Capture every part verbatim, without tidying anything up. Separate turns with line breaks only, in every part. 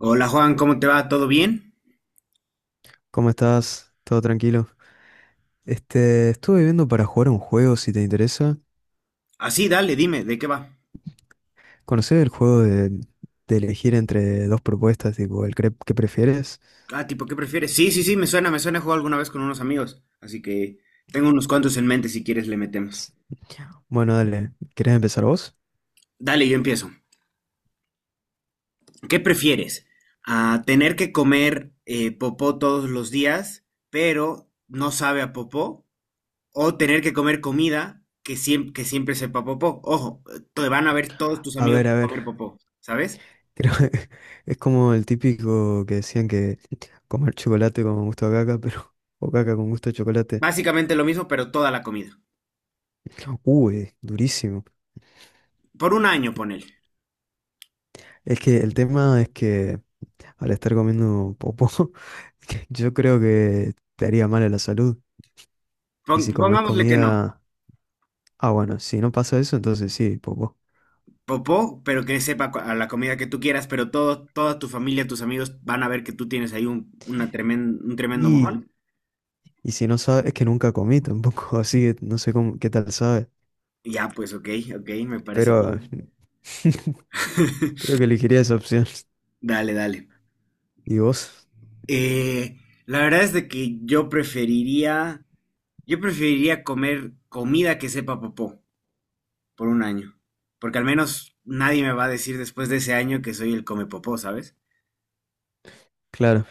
Hola Juan, ¿cómo te va? ¿Todo bien?
¿Cómo estás? ¿Todo tranquilo? Este, estuve viendo para jugar un juego, si te interesa.
Así, dale, dime, ¿de qué va?
¿Conocer el juego de, de elegir entre dos propuestas, tipo el cre- que prefieres?
Ah, tipo, ¿qué prefieres? Sí, sí, sí, me suena, me suena, he alguna vez con unos amigos, así que tengo unos cuantos en mente, si quieres le metemos.
S- Bueno, dale, ¿querés empezar vos?
Dale, yo empiezo. ¿Qué prefieres? ¿A tener que comer eh, popó todos los días, pero no sabe a popó? ¿O tener que comer comida que, siem- que siempre sepa popó? Ojo, te van a ver todos tus
A
amigos
ver, a ver,
comer popó, ¿sabes?
creo que es como el típico que decían que comer chocolate con gusto a caca, pero o caca con gusto a chocolate.
Básicamente lo mismo, pero toda la comida.
Uy, durísimo.
Por un año, ponele.
Es que el tema es que al estar comiendo popó, yo creo que te haría mal a la salud. Y
Pon-
si comes
pongámosle que no.
comida... Ah, bueno, si no pasa eso, entonces sí, poco.
Popó, pero que sepa cu- a la comida que tú quieras, pero todo, toda tu familia, tus amigos van a ver que tú tienes ahí un, una tremen- un tremendo
Y,
mojón.
y si no sabes, es que nunca comí tampoco, así que no sé cómo, qué tal sabe.
Ya, pues ok, ok, me parece
Pero
bien.
creo que elegiría esa opción.
Dale, dale.
¿Y vos?
Eh, la verdad es de que yo preferiría, yo preferiría comer comida que sepa popó por un año, porque al menos nadie me va a decir después de ese año que soy el come popó, ¿sabes?
Claro.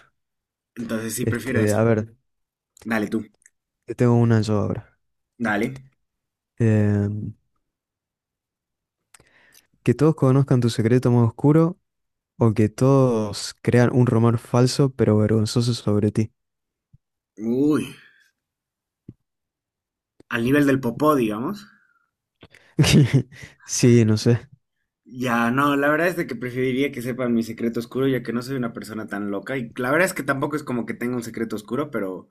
Entonces sí prefiero
Este,
eso.
a ver,
Dale tú,
te tengo una yo ahora.
dale.
Em, que todos conozcan tu secreto más oscuro o que todos crean un rumor falso pero vergonzoso sobre ti.
Uy, al nivel del popó, digamos.
Sí, no sé.
Ya, no, la verdad es de que preferiría que sepan mi secreto oscuro, ya que no soy una persona tan loca. Y la verdad es que tampoco es como que tenga un secreto oscuro, pero,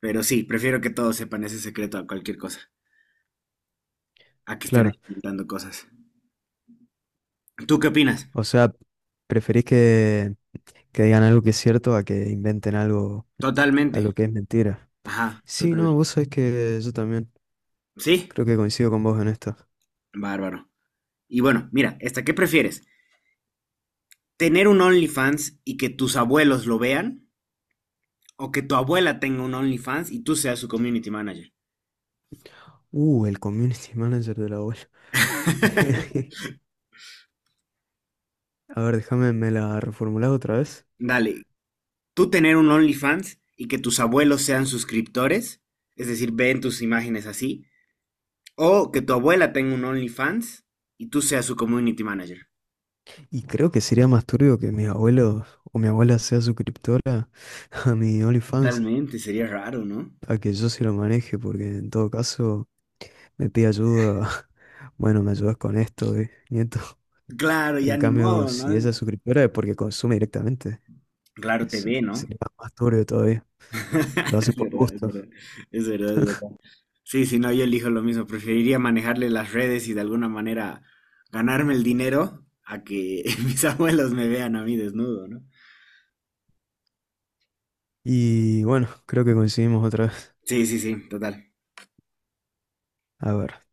pero sí, prefiero que todos sepan ese secreto a cualquier cosa, a que estén ahí
Claro.
inventando cosas. ¿Tú qué opinas?
O sea, ¿preferís que, que digan algo que es cierto a que inventen algo,
Totalmente.
algo que es mentira?
Ajá,
Sí, no,
total.
vos sabés que yo también
¿Sí?
creo que coincido con vos en esto.
Bárbaro. Y bueno, mira, esta, ¿qué prefieres? ¿Tener un OnlyFans y que tus abuelos lo vean? ¿O que tu abuela tenga un OnlyFans y tú seas su community manager?
Uh, el community manager de la web. A ver, déjame, me la reformulás otra vez.
Dale, tú tener un OnlyFans y que tus abuelos sean suscriptores, es decir, ven tus imágenes así, o que tu abuela tenga un OnlyFans y tú seas su community manager.
Y creo que sería más turbio que mis abuelos o mi abuela sea suscriptora a mi OnlyFans,
Totalmente, sería raro, ¿no?
a que yo se lo maneje, porque en todo caso me pide ayuda. Bueno, me ayudas con esto, eh, nieto.
Claro, ya
En
ni
cambio,
modo, ¿no?
si esa es suscriptora es porque consume directamente.
Claro, te
Es,
ve, ¿no?
sería más turbio todavía. Lo hace
Es
por
verdad, es
gusto.
verdad, es verdad, es verdad. Sí, si no, yo elijo lo mismo. Preferiría manejarle las redes y de alguna manera ganarme el dinero a que mis abuelos me vean a mí desnudo, ¿no?
Y bueno, creo que coincidimos otra vez.
Sí, sí, sí, total.
A ver,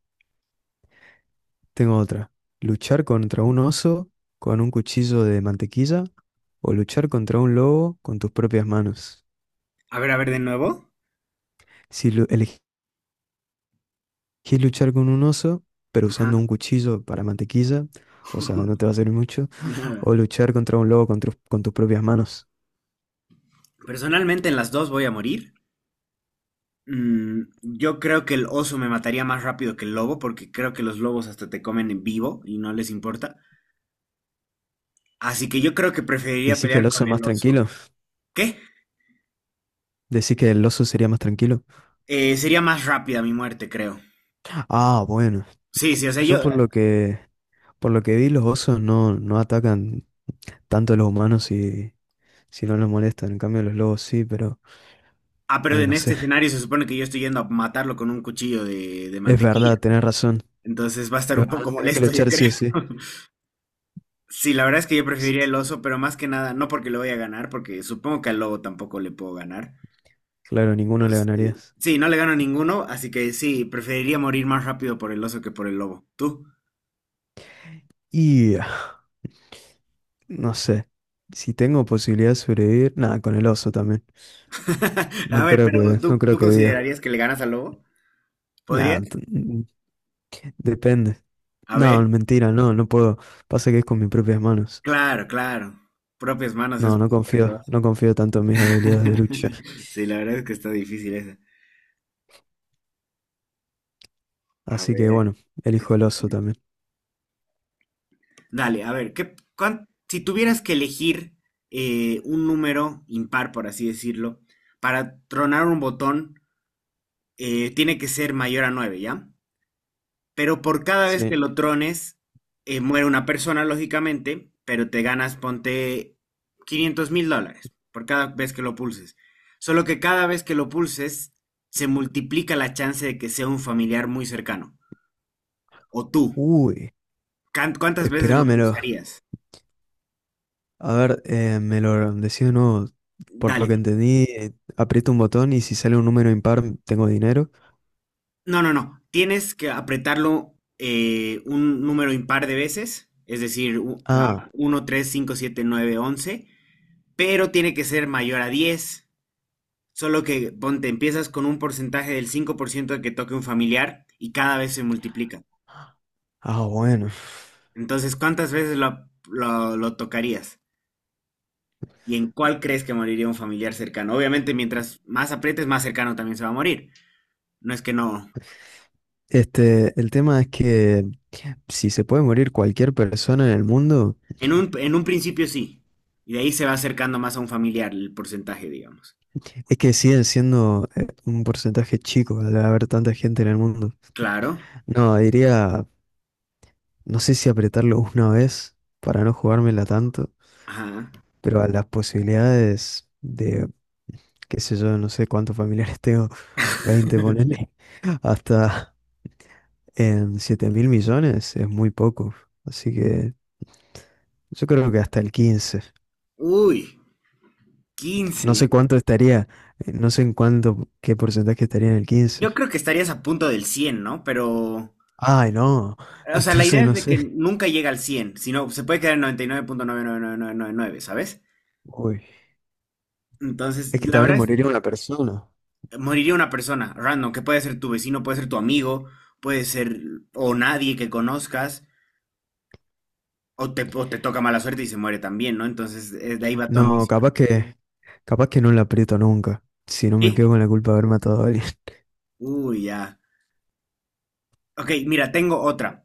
tengo otra. ¿Luchar contra un oso con un cuchillo de mantequilla o luchar contra un lobo con tus propias manos?
A ver, a ver, de nuevo.
Si lu- elegís luchar con un oso, pero
Ajá.
usando un cuchillo para mantequilla, o sea, no te va a servir mucho, o luchar contra un lobo con, tus- con tus propias manos.
Personalmente en las dos voy a morir. Mm, yo creo que el oso me mataría más rápido que el lobo, porque creo que los lobos hasta te comen en vivo y no les importa. Así que yo creo que preferiría
¿Decís que el
pelear
oso es
con
más
el oso.
tranquilo?
¿Qué?
¿Decís que el oso sería más tranquilo?
Eh, sería más rápida mi muerte, creo.
Ah, bueno.
Sí, sí, o sea,
Yo
yo...
por lo que por lo que vi, los osos no, no atacan tanto a los humanos si, si no los molestan. En cambio, los lobos sí, pero
Ah, pero
ay,
en
no sé.
este escenario se supone que yo estoy yendo a matarlo con un cuchillo de, de
Es
mantequilla.
verdad, tenés razón.
Entonces va a estar
Es
un
verdad,
poco
tenés que
molesto, yo
luchar sí
creo.
o sí.
Sí, la verdad es que yo preferiría el oso, pero más que nada, no porque le voy a ganar, porque supongo que al lobo tampoco le puedo ganar.
Claro, ninguno le
Este,
ganarías.
sí, no le gano a ninguno, así que sí, preferiría morir más rápido por el oso que por el lobo. ¿Tú?
Y ah, no sé. Si tengo posibilidad de sobrevivir, nada, con el oso también.
A
No
ver,
creo
pero
que, no
¿tú,
creo
tú
que viva.
considerarías que le ganas al lobo? ¿Podrías?
Nada, t- mm, depende.
A
No,
ver,
mentira, no, no puedo. Pasa que es con mis propias manos.
claro, claro. Propias manos es
No, no
otra
confío,
cosa.
no confío tanto en mis habilidades de lucha.
Sí, la verdad es que está difícil esa. A
Así que
ver.
bueno, elijo
es-
el oso también.
Dale, a ver, ¿qué, cuán- si tuvieras que elegir eh, un número impar, por así decirlo, para tronar un botón, eh, tiene que ser mayor a nueve, ¿ya? Pero por cada vez
Sí.
que lo trones, eh, muere una persona, lógicamente, pero te ganas, ponte quinientos mil dólares por cada vez que lo pulses. Solo que cada vez que lo pulses, se multiplica la chance de que sea un familiar muy cercano. O tú.
Uy,
Can- ¿Cuántas veces lo
esperámelo.
pulsarías?
A ver, eh, me lo decís de nuevo. Por lo
Dale.
que entendí, eh, aprieto un botón y si sale un número impar, tengo dinero.
No, no, no. Tienes que apretarlo eh, un número impar de veces, es decir, u- a
Ah,
uno, tres, cinco, siete, nueve, once, pero tiene que ser mayor a diez. Solo que, ponte, empiezas con un porcentaje del cinco por ciento de que toque un familiar y cada vez se multiplica.
ah, bueno.
Entonces, ¿cuántas veces lo, lo- lo tocarías? ¿Y en cuál crees que moriría un familiar cercano? Obviamente, mientras más aprietes, más cercano también se va a morir. No es que no.
Este, el tema es que si se puede morir cualquier persona en el mundo,
En un, en un principio sí. Y de ahí se va acercando más a un familiar el porcentaje, digamos.
es que siguen siendo eh, un porcentaje chico al haber tanta gente en el mundo.
Claro.
No, diría No sé si apretarlo una vez para no jugármela tanto,
Ajá.
pero a las posibilidades de, qué sé yo, no sé cuántos familiares tengo, veinte ponele, hasta en siete mil millones es muy poco. Así que yo creo que hasta el quince.
Uy,
No
quince.
sé cuánto estaría, eh, no sé en cuánto, qué porcentaje estaría en el quince.
Yo creo que estarías a punto del cien, ¿no? Pero
Ay, no,
o sea, la
entonces
idea es
no
de que
sé.
nunca llega al cien, sino se puede quedar en noventa y nueve punto nueve nueve nueve nueve punto nueve, ¿sabes?
Uy,
Entonces,
es que
la
también
verdad es,
moriría una persona.
moriría una persona random, que puede ser tu vecino, puede ser tu amigo, puede ser o nadie que conozcas, o te, o te toca mala suerte y se muere también, ¿no? Entonces, eh, de ahí va tu
No,
ambición.
capaz que, capaz que no la aprieto nunca. Si no me
¿Sí?
quedo con la culpa de haber matado a alguien.
Uy, ya. Ok, mira, tengo otra.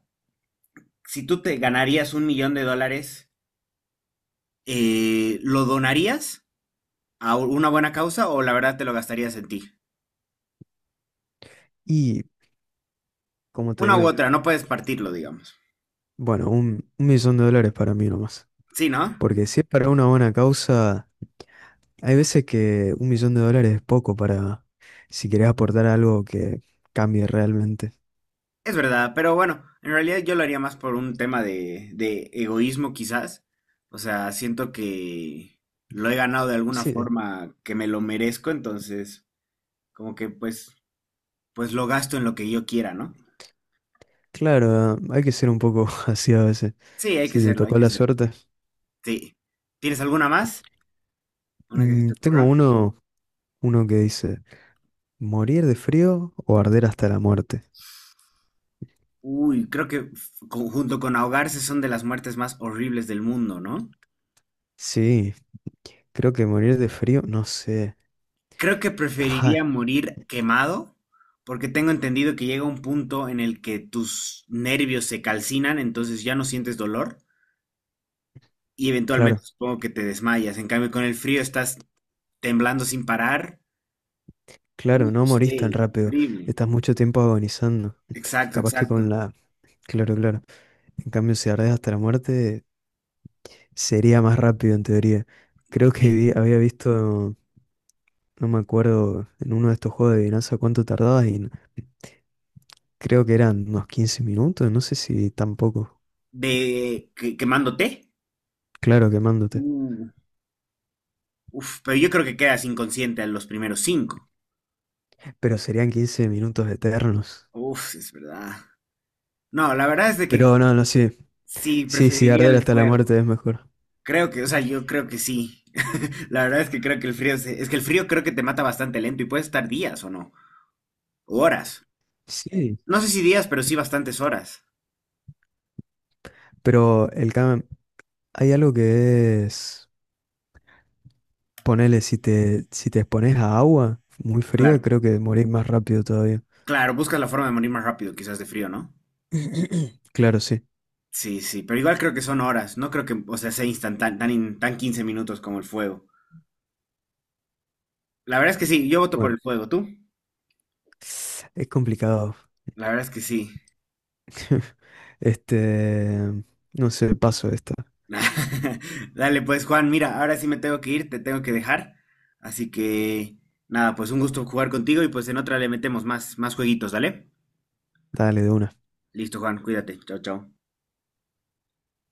Si tú te ganarías un millón de dólares, eh, ¿lo donarías a una buena causa o la verdad te lo gastarías en ti?
Y, como te
Una u
digo,
otra, no puedes partirlo, digamos.
bueno, un, un millón de dólares para mí nomás.
Sí, ¿no?
Porque si es para una buena causa, hay veces que un millón de dólares es poco para si querés aportar algo que cambie realmente.
Es verdad, pero bueno, en realidad yo lo haría más por un tema de, de egoísmo quizás. O sea, siento que lo he ganado de alguna
Sí,
forma que me lo merezco, entonces como que pues, pues lo gasto en lo que yo quiera, ¿no?
claro, hay que ser un poco así a veces.
Sí, hay que
Si te
serlo, hay
tocó
que
la
ser.
suerte.
Sí. ¿Tienes alguna más? ¿Una que se
Mm,
te
tengo
ocurra?
uno, uno que dice, ¿morir de frío o arder hasta la muerte?
Uy, creo que f- con- junto con ahogarse son de las muertes más horribles del mundo, ¿no?
Sí, creo que morir de frío, no sé.
Creo que
Ah,
preferiría morir quemado, porque tengo entendido que llega un punto en el que tus nervios se calcinan, entonces ya no sientes dolor y eventualmente
claro,
supongo que te desmayas. En cambio, con el frío estás temblando sin parar. Uy,
claro, no morís tan
sí,
rápido.
horrible.
Estás mucho tiempo agonizando.
Exacto,
Capaz que
exacto.
con la... Claro, claro. En cambio, si ardés hasta la muerte, sería más rápido en teoría. Creo que
Y
vi- había visto, no me acuerdo, en uno de estos juegos de adivinanza cuánto tardabas y creo que eran unos quince minutos, no sé si tampoco.
de que- Quemándote.
Claro, quemándote.
Uh, Uf, pero yo creo que quedas inconsciente a los primeros cinco.
Pero serían quince minutos eternos.
Uf, es verdad. No, la verdad es de que
Pero no, no, sí.
sí,
Sí, sí,
preferiría
arder
el
hasta la
fuego.
muerte es mejor.
Creo que, o sea, yo creo que sí. La verdad es que creo que el frío se- es que el frío creo que te mata bastante lento y puedes estar días o no, o horas.
Sí.
No sé si días, pero sí bastantes horas.
Pero el cam- hay algo que es, ponele, si te, si te expones a agua muy fría,
Claro,
creo que morís más rápido todavía.
claro, buscas la forma de morir más rápido, quizás de frío, ¿no?
Claro, sí.
Sí, sí, pero igual creo que son horas. No creo que, o sea, sea instantáneo, tan, in- tan quince minutos como el fuego. La verdad es que sí, yo voto por
Bueno,
el fuego, ¿tú?
es complicado.
La verdad es que sí.
Este, no sé, paso esta.
Dale, pues Juan, mira, ahora sí me tengo que ir, te tengo que dejar. Así que nada, pues un gusto jugar contigo y pues en otra le metemos más, más jueguitos, ¿dale?
Dale de una.
Listo, Juan, cuídate. Chao, chao.